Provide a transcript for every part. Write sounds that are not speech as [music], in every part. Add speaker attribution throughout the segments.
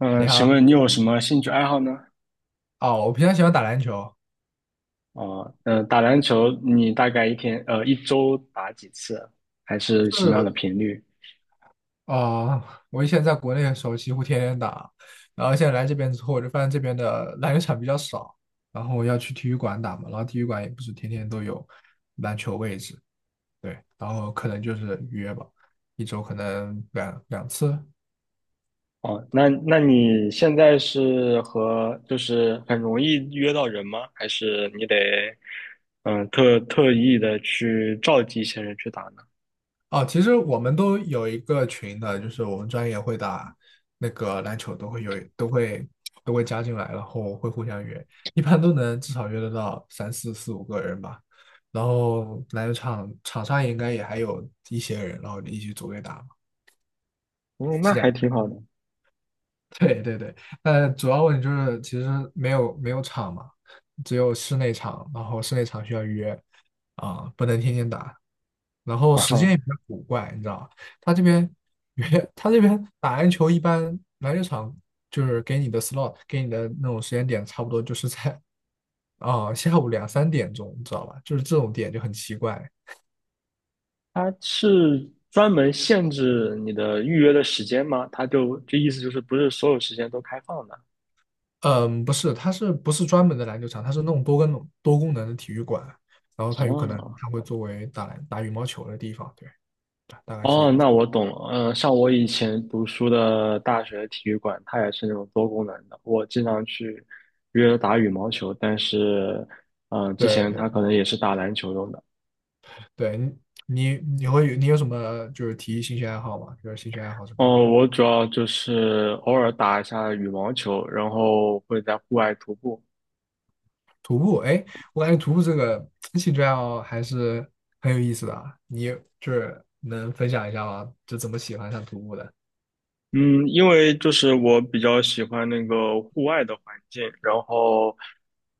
Speaker 1: 你
Speaker 2: 请
Speaker 1: 好，
Speaker 2: 问你有什么兴趣爱好呢？
Speaker 1: 哦，我平常喜欢打篮球，
Speaker 2: 哦，打篮球，你大概一天，一周打几次？还是
Speaker 1: 就
Speaker 2: 什么样的
Speaker 1: 是
Speaker 2: 频率？
Speaker 1: 啊、呃我以前在国内的时候几乎天天打，然后现在来这边之后，我就发现这边的篮球场比较少，然后要去体育馆打嘛，然后体育馆也不是天天都有篮球位置，对，然后可能就是约吧，一周可能两次，
Speaker 2: 哦，那你现在是和就是很容易约到人吗？还是你得嗯特意的去召集一些人去打呢？
Speaker 1: 哦，其实我们都有一个群的，就是我们专业会打那个篮球，都会有都会都会加进来，然后会互相约，一般都能至少约得到三四四五个人吧。然后篮球场上应该也还有一些人，然后一起组队打嘛，
Speaker 2: 嗯，那
Speaker 1: 是这
Speaker 2: 还
Speaker 1: 样。
Speaker 2: 挺好的。
Speaker 1: [laughs] 对对对，但主要问题就是其实没有场嘛，只有室内场，然后室内场需要约，不能天天打，然后
Speaker 2: [laughs]
Speaker 1: 时间
Speaker 2: 哦，
Speaker 1: 也比较古怪，你知道，吧？他这边约 [laughs] 他这边打篮球一般篮球场就是给你的 slot 给你的那种时间点，差不多就是在 [laughs] 下午两三点钟，你知道吧？就是这种点就很奇怪，
Speaker 2: 它是专门限制你的预约的时间吗？它就这意思就是不是所有时间都开放的？
Speaker 1: 嗯，不是，它是不是专门的篮球场？它是那种多功能的体育馆，然后它有可能
Speaker 2: 哦
Speaker 1: 它会作为打羽毛球的地方，对，大概是这
Speaker 2: 哦，
Speaker 1: 个意思。
Speaker 2: 那我懂了。嗯，像我以前读书的大学体育馆，它也是那种多功能的。我经常去约打羽毛球，但是，之
Speaker 1: 对
Speaker 2: 前它
Speaker 1: 对
Speaker 2: 可能也是打篮球用的。
Speaker 1: 对，你有什么就是体育兴趣爱好吗？就是兴趣爱好什么的？
Speaker 2: 哦，我主要就是偶尔打一下羽毛球，然后会在户外徒步。
Speaker 1: 徒步，哎，我感觉徒步这个兴趣爱好还是很有意思的啊，你就是能分享一下吗？就怎么喜欢上徒步的？
Speaker 2: 嗯，因为就是我比较喜欢那个户外的环境，然后，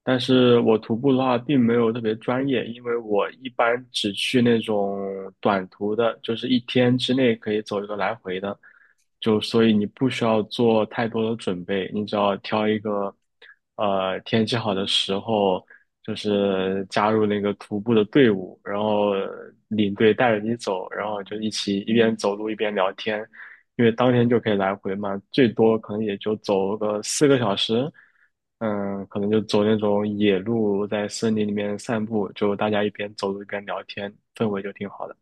Speaker 2: 但是我徒步的话并没有特别专业，因为我一般只去那种短途的，就是一天之内可以走一个来回的，就所以你不需要做太多的准备，你只要挑一个，天气好的时候，就是加入那个徒步的队伍，然后领队带着你走，然后就一起一边走路一边聊天。因为当天就可以来回嘛，最多可能也就走个四个小时，可能就走那种野路，在森林里面散步，就大家一边走路一边聊天，氛围就挺好的。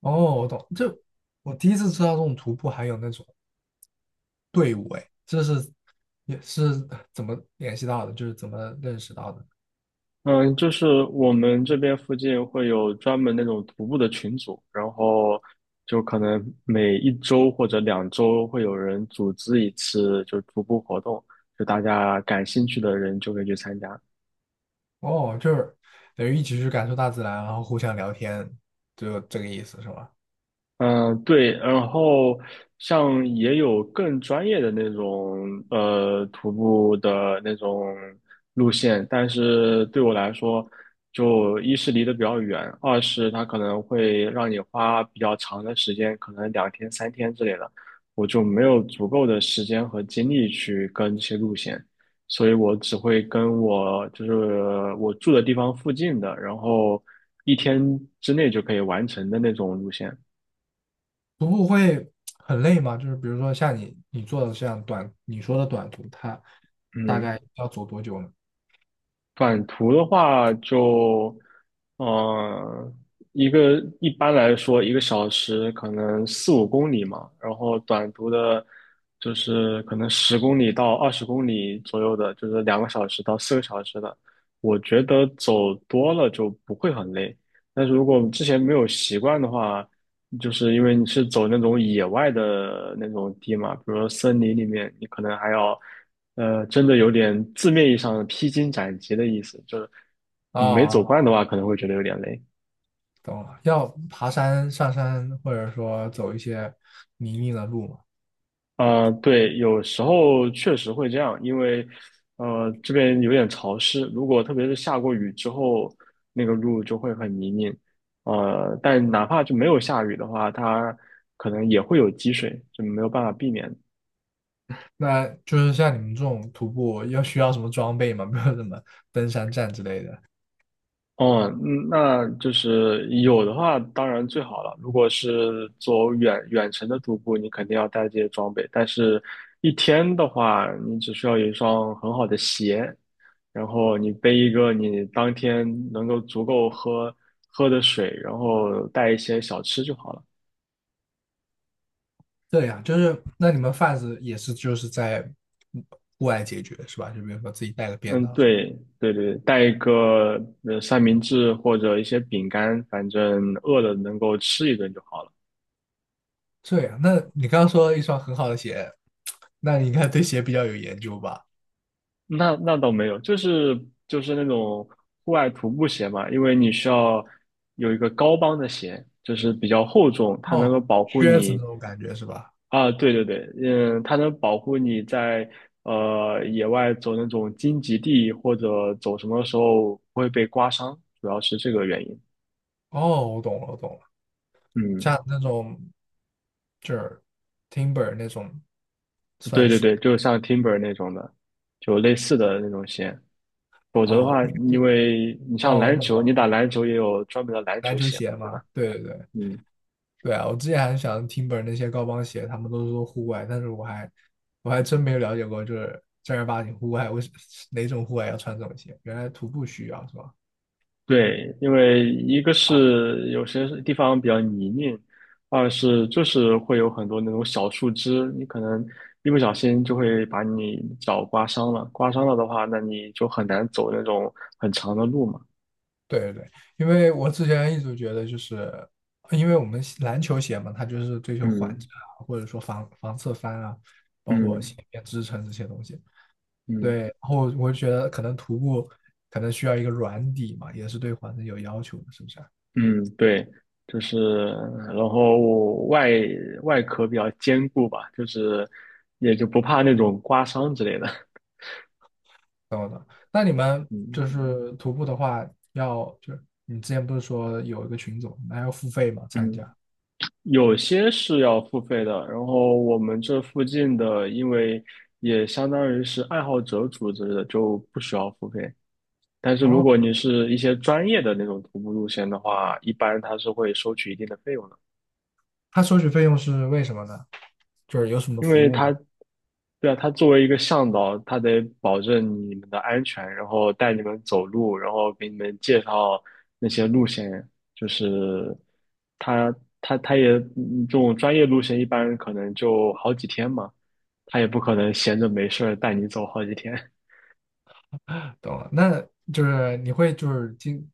Speaker 1: 哦，我懂，就我第一次知道这种徒步还有那种。队伍，哎，这是也是怎么联系到的？就是怎么认识到的？
Speaker 2: 嗯，就是我们这边附近会有专门那种徒步的群组，然后就可能每一周或者两周会有人组织一次，就是徒步活动，就大家感兴趣的人就可以去参加。
Speaker 1: 哦，就是等于一起去感受大自然，然后互相聊天，就这个意思是吧？
Speaker 2: 嗯，对，然后像也有更专业的那种徒步的那种路线，但是对我来说，就一是离得比较远，二是它可能会让你花比较长的时间，可能两天三天之类的，我就没有足够的时间和精力去跟这些路线，所以我只会跟我就是我住的地方附近的，然后一天之内就可以完成的那种路线。
Speaker 1: 徒步会很累吗？就是比如说像你做的这样短，你说的短途，它大
Speaker 2: 嗯，
Speaker 1: 概要走多久呢？
Speaker 2: 短途的话就，呃，一般来说1个小时可能四五公里嘛，然后短途的，就是可能10公里到20公里左右的，就是2个小时到4个小时的，我觉得走多了就不会很累。但是如果之前没有习惯的话，就是因为你是走那种野外的那种地嘛，比如说森林里面，你可能还要。真的有点字面意义上的披荆斩棘的意思，就是没走
Speaker 1: 哦，
Speaker 2: 惯的话，可能会觉得有点累。
Speaker 1: 懂了，要爬山、上山，或者说走一些泥泞的路嘛。
Speaker 2: 对，有时候确实会这样，因为这边有点潮湿，如果特别是下过雨之后，那个路就会很泥泞。但哪怕就没有下雨的话，它可能也会有积水，就没有办法避免。
Speaker 1: 那就是像你们这种徒步，要需要什么装备吗？[laughs] 没有什么登山杖之类的。
Speaker 2: 哦，那就是有的话，当然最好了。如果是走远远程的徒步，你肯定要带这些装备。但是，一天的话，你只需要有一双很好的鞋，然后你背一个你当天能够足够喝的水，然后带一些小吃就好了。
Speaker 1: 对呀，就是那你们贩子也是就是在嗯户外解决是吧？就比如说自己带个便
Speaker 2: 嗯，
Speaker 1: 当什么。
Speaker 2: 对对对，带一个三明治或者一些饼干，反正饿了能够吃一顿就好了。
Speaker 1: 这样，那你刚刚说了一双很好的鞋，那你应该对鞋比较有研究吧？
Speaker 2: 那倒没有，就是那种户外徒步鞋嘛，因为你需要有一个高帮的鞋，就是比较厚重，它能
Speaker 1: 哦，
Speaker 2: 够保护
Speaker 1: 靴子
Speaker 2: 你
Speaker 1: 那种感觉是吧？
Speaker 2: 啊，对对对，嗯，它能保护你在野外走那种荆棘地或者走什么时候不会被刮伤，主要是这个原因。
Speaker 1: 哦，我懂了，我懂了，
Speaker 2: 嗯，
Speaker 1: 像那种就是 Timber 那种算
Speaker 2: 对对
Speaker 1: 是
Speaker 2: 对，就像 Timber 那种的，就类似的那种鞋。否则的
Speaker 1: 哦
Speaker 2: 话，因为你像
Speaker 1: 哦，我
Speaker 2: 篮
Speaker 1: 懂
Speaker 2: 球，你
Speaker 1: 了，
Speaker 2: 打篮球也有专门的篮
Speaker 1: 篮
Speaker 2: 球
Speaker 1: 球
Speaker 2: 鞋嘛，
Speaker 1: 鞋
Speaker 2: 对
Speaker 1: 嘛，
Speaker 2: 吧？
Speaker 1: 对对对，
Speaker 2: 嗯。
Speaker 1: 对啊，我之前还想听本那些高帮鞋，他们都说户外，但是我还真没有了解过，就是正儿八经户外，哪种户外要穿这种鞋？原来徒步需要是吧？
Speaker 2: 对，因为一个
Speaker 1: 啊，
Speaker 2: 是有些地方比较泥泞，二是就是会有很多那种小树枝，你可能一不小心就会把你脚刮伤了。刮伤了的话，那你就很难走那种很长的路嘛。
Speaker 1: 对对对，因为我之前一直觉得就是，因为我们篮球鞋嘛，它就是追求缓
Speaker 2: 嗯
Speaker 1: 震啊，或者说防侧翻啊，包括
Speaker 2: 嗯
Speaker 1: 鞋面支撑这些东西。对，
Speaker 2: 嗯
Speaker 1: 然后我就觉得可能徒步可能需要一个软底嘛，也是对缓震有要求的，是不是啊？
Speaker 2: 嗯，对，就是，然后外壳比较坚固吧，就是也就不怕那种刮伤之类的。
Speaker 1: 懂了，那你们
Speaker 2: [laughs] 嗯
Speaker 1: 就是徒步的话，要就是你之前不是说有一个群组，那要付费吗？参
Speaker 2: 嗯。
Speaker 1: 加？
Speaker 2: 有些是要付费的，然后我们这附近的，因为也相当于是爱好者组织的，就不需要付费。但是如
Speaker 1: 哦，
Speaker 2: 果你是一些专业的那种徒步路线的话，一般他是会收取一定的费用的，
Speaker 1: 他收取费用是为什么呢？就是有什么
Speaker 2: 因
Speaker 1: 服
Speaker 2: 为
Speaker 1: 务吗？
Speaker 2: 他，对啊，他作为一个向导，他得保证你们的安全，然后带你们走路，然后给你们介绍那些路线，就是他他也这种专业路线一般可能就好几天嘛。他也不可能闲着没事儿带你走好几天。
Speaker 1: 懂了，那就是你会就是经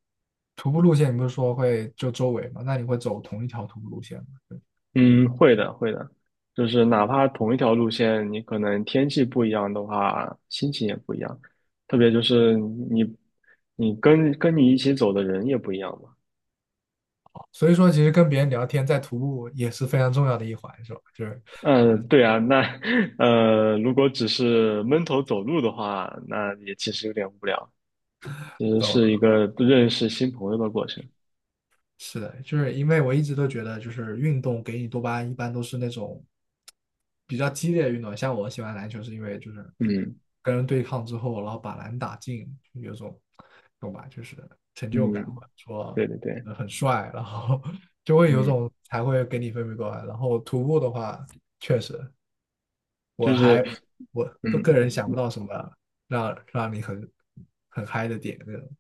Speaker 1: 徒步路线，你不是说会就周围嘛？那你会走同一条徒步路线吗？对吧
Speaker 2: 嗯，会的，会的，就是哪怕同一条路线，你可能天气不一样的话，心情也不一样。特别就是你，你跟你一起走的人也不一样嘛。
Speaker 1: 所以说，其实跟别人聊天在徒步也是非常重要的一环，是吧？就是，
Speaker 2: 嗯，
Speaker 1: 嗯，
Speaker 2: 对啊，那 [laughs] 如果只是闷头走路的话，那也其实有点无聊，其实
Speaker 1: 懂
Speaker 2: 是一
Speaker 1: 了。
Speaker 2: 个认识新朋友的过程。
Speaker 1: 是的，就是因为我一直都觉得，就是运动给你多巴胺一般都是那种比较激烈的运动，像我喜欢篮球是因为就是
Speaker 2: 嗯
Speaker 1: 跟人对抗之后，然后把篮打进，有种懂吧，就是成就感或
Speaker 2: 嗯，
Speaker 1: 者说
Speaker 2: 对对对，
Speaker 1: 很帅，然后 [laughs] 就会有
Speaker 2: 嗯，
Speaker 1: 种才会给你分泌多巴胺然后徒步的话，确实我
Speaker 2: 就是
Speaker 1: 还我个人
Speaker 2: 嗯。
Speaker 1: 想不到什么让你很嗨的点那种。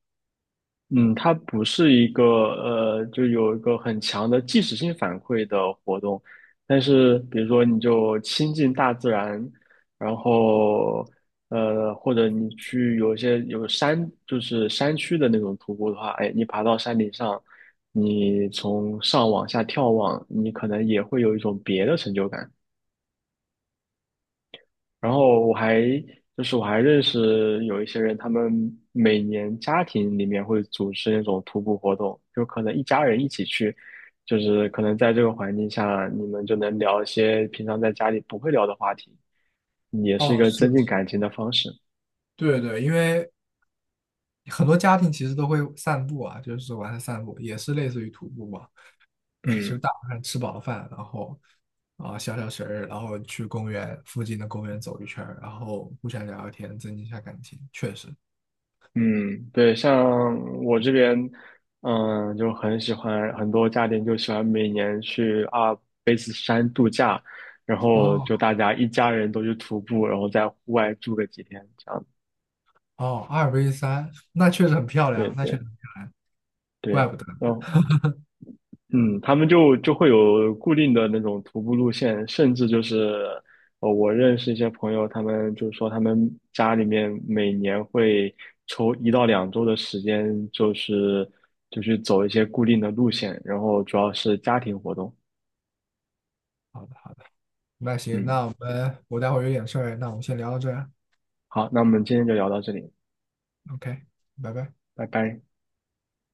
Speaker 2: 嗯，它不是一个就有一个很强的即时性反馈的活动，但是比如说你就亲近大自然，然后或者你去有一些有山，就是山区的那种徒步的话，哎，你爬到山顶上，你从上往下眺望，你可能也会有一种别的成就感。然后我还认识有一些人，他们每年家庭里面会组织那种徒步活动，就可能一家人一起去，就是可能在这个环境下，你们就能聊一些平常在家里不会聊的话题，也是
Speaker 1: 哦，
Speaker 2: 一个
Speaker 1: 是的，
Speaker 2: 增进
Speaker 1: 是的，
Speaker 2: 感情的方式。
Speaker 1: 对对，因为很多家庭其实都会散步啊，就是晚上散步也是类似于徒步嘛。对，就
Speaker 2: 嗯。
Speaker 1: 大晚上吃饱饭，然后消消食儿，然后去公园附近的公园走一圈儿然后互相聊聊天，增进一下感情。确实，
Speaker 2: 嗯，对，像我这边，就很喜欢，很多家庭就喜欢每年去阿尔卑斯山度假，然后
Speaker 1: 哦
Speaker 2: 就大家一家人都去徒步，然后在户外住个几天，这样。
Speaker 1: 哦，二 v 三，那确实很漂
Speaker 2: 对
Speaker 1: 亮，那确实
Speaker 2: 对
Speaker 1: 很漂亮，
Speaker 2: 对，
Speaker 1: 怪不得。
Speaker 2: 然后嗯，他们就会有固定的那种徒步路线，甚至就是，我认识一些朋友，他们就说他们家里面每年会抽1到2周的时间，就是走一些固定的路线，然后主要是家庭活动。
Speaker 1: 好的好的，那行，那
Speaker 2: 嗯，
Speaker 1: 我们我待会儿有点事儿，那我们先聊到这儿啊
Speaker 2: 好，那我们今天就聊到这里，
Speaker 1: ，OK，拜拜。
Speaker 2: 拜拜。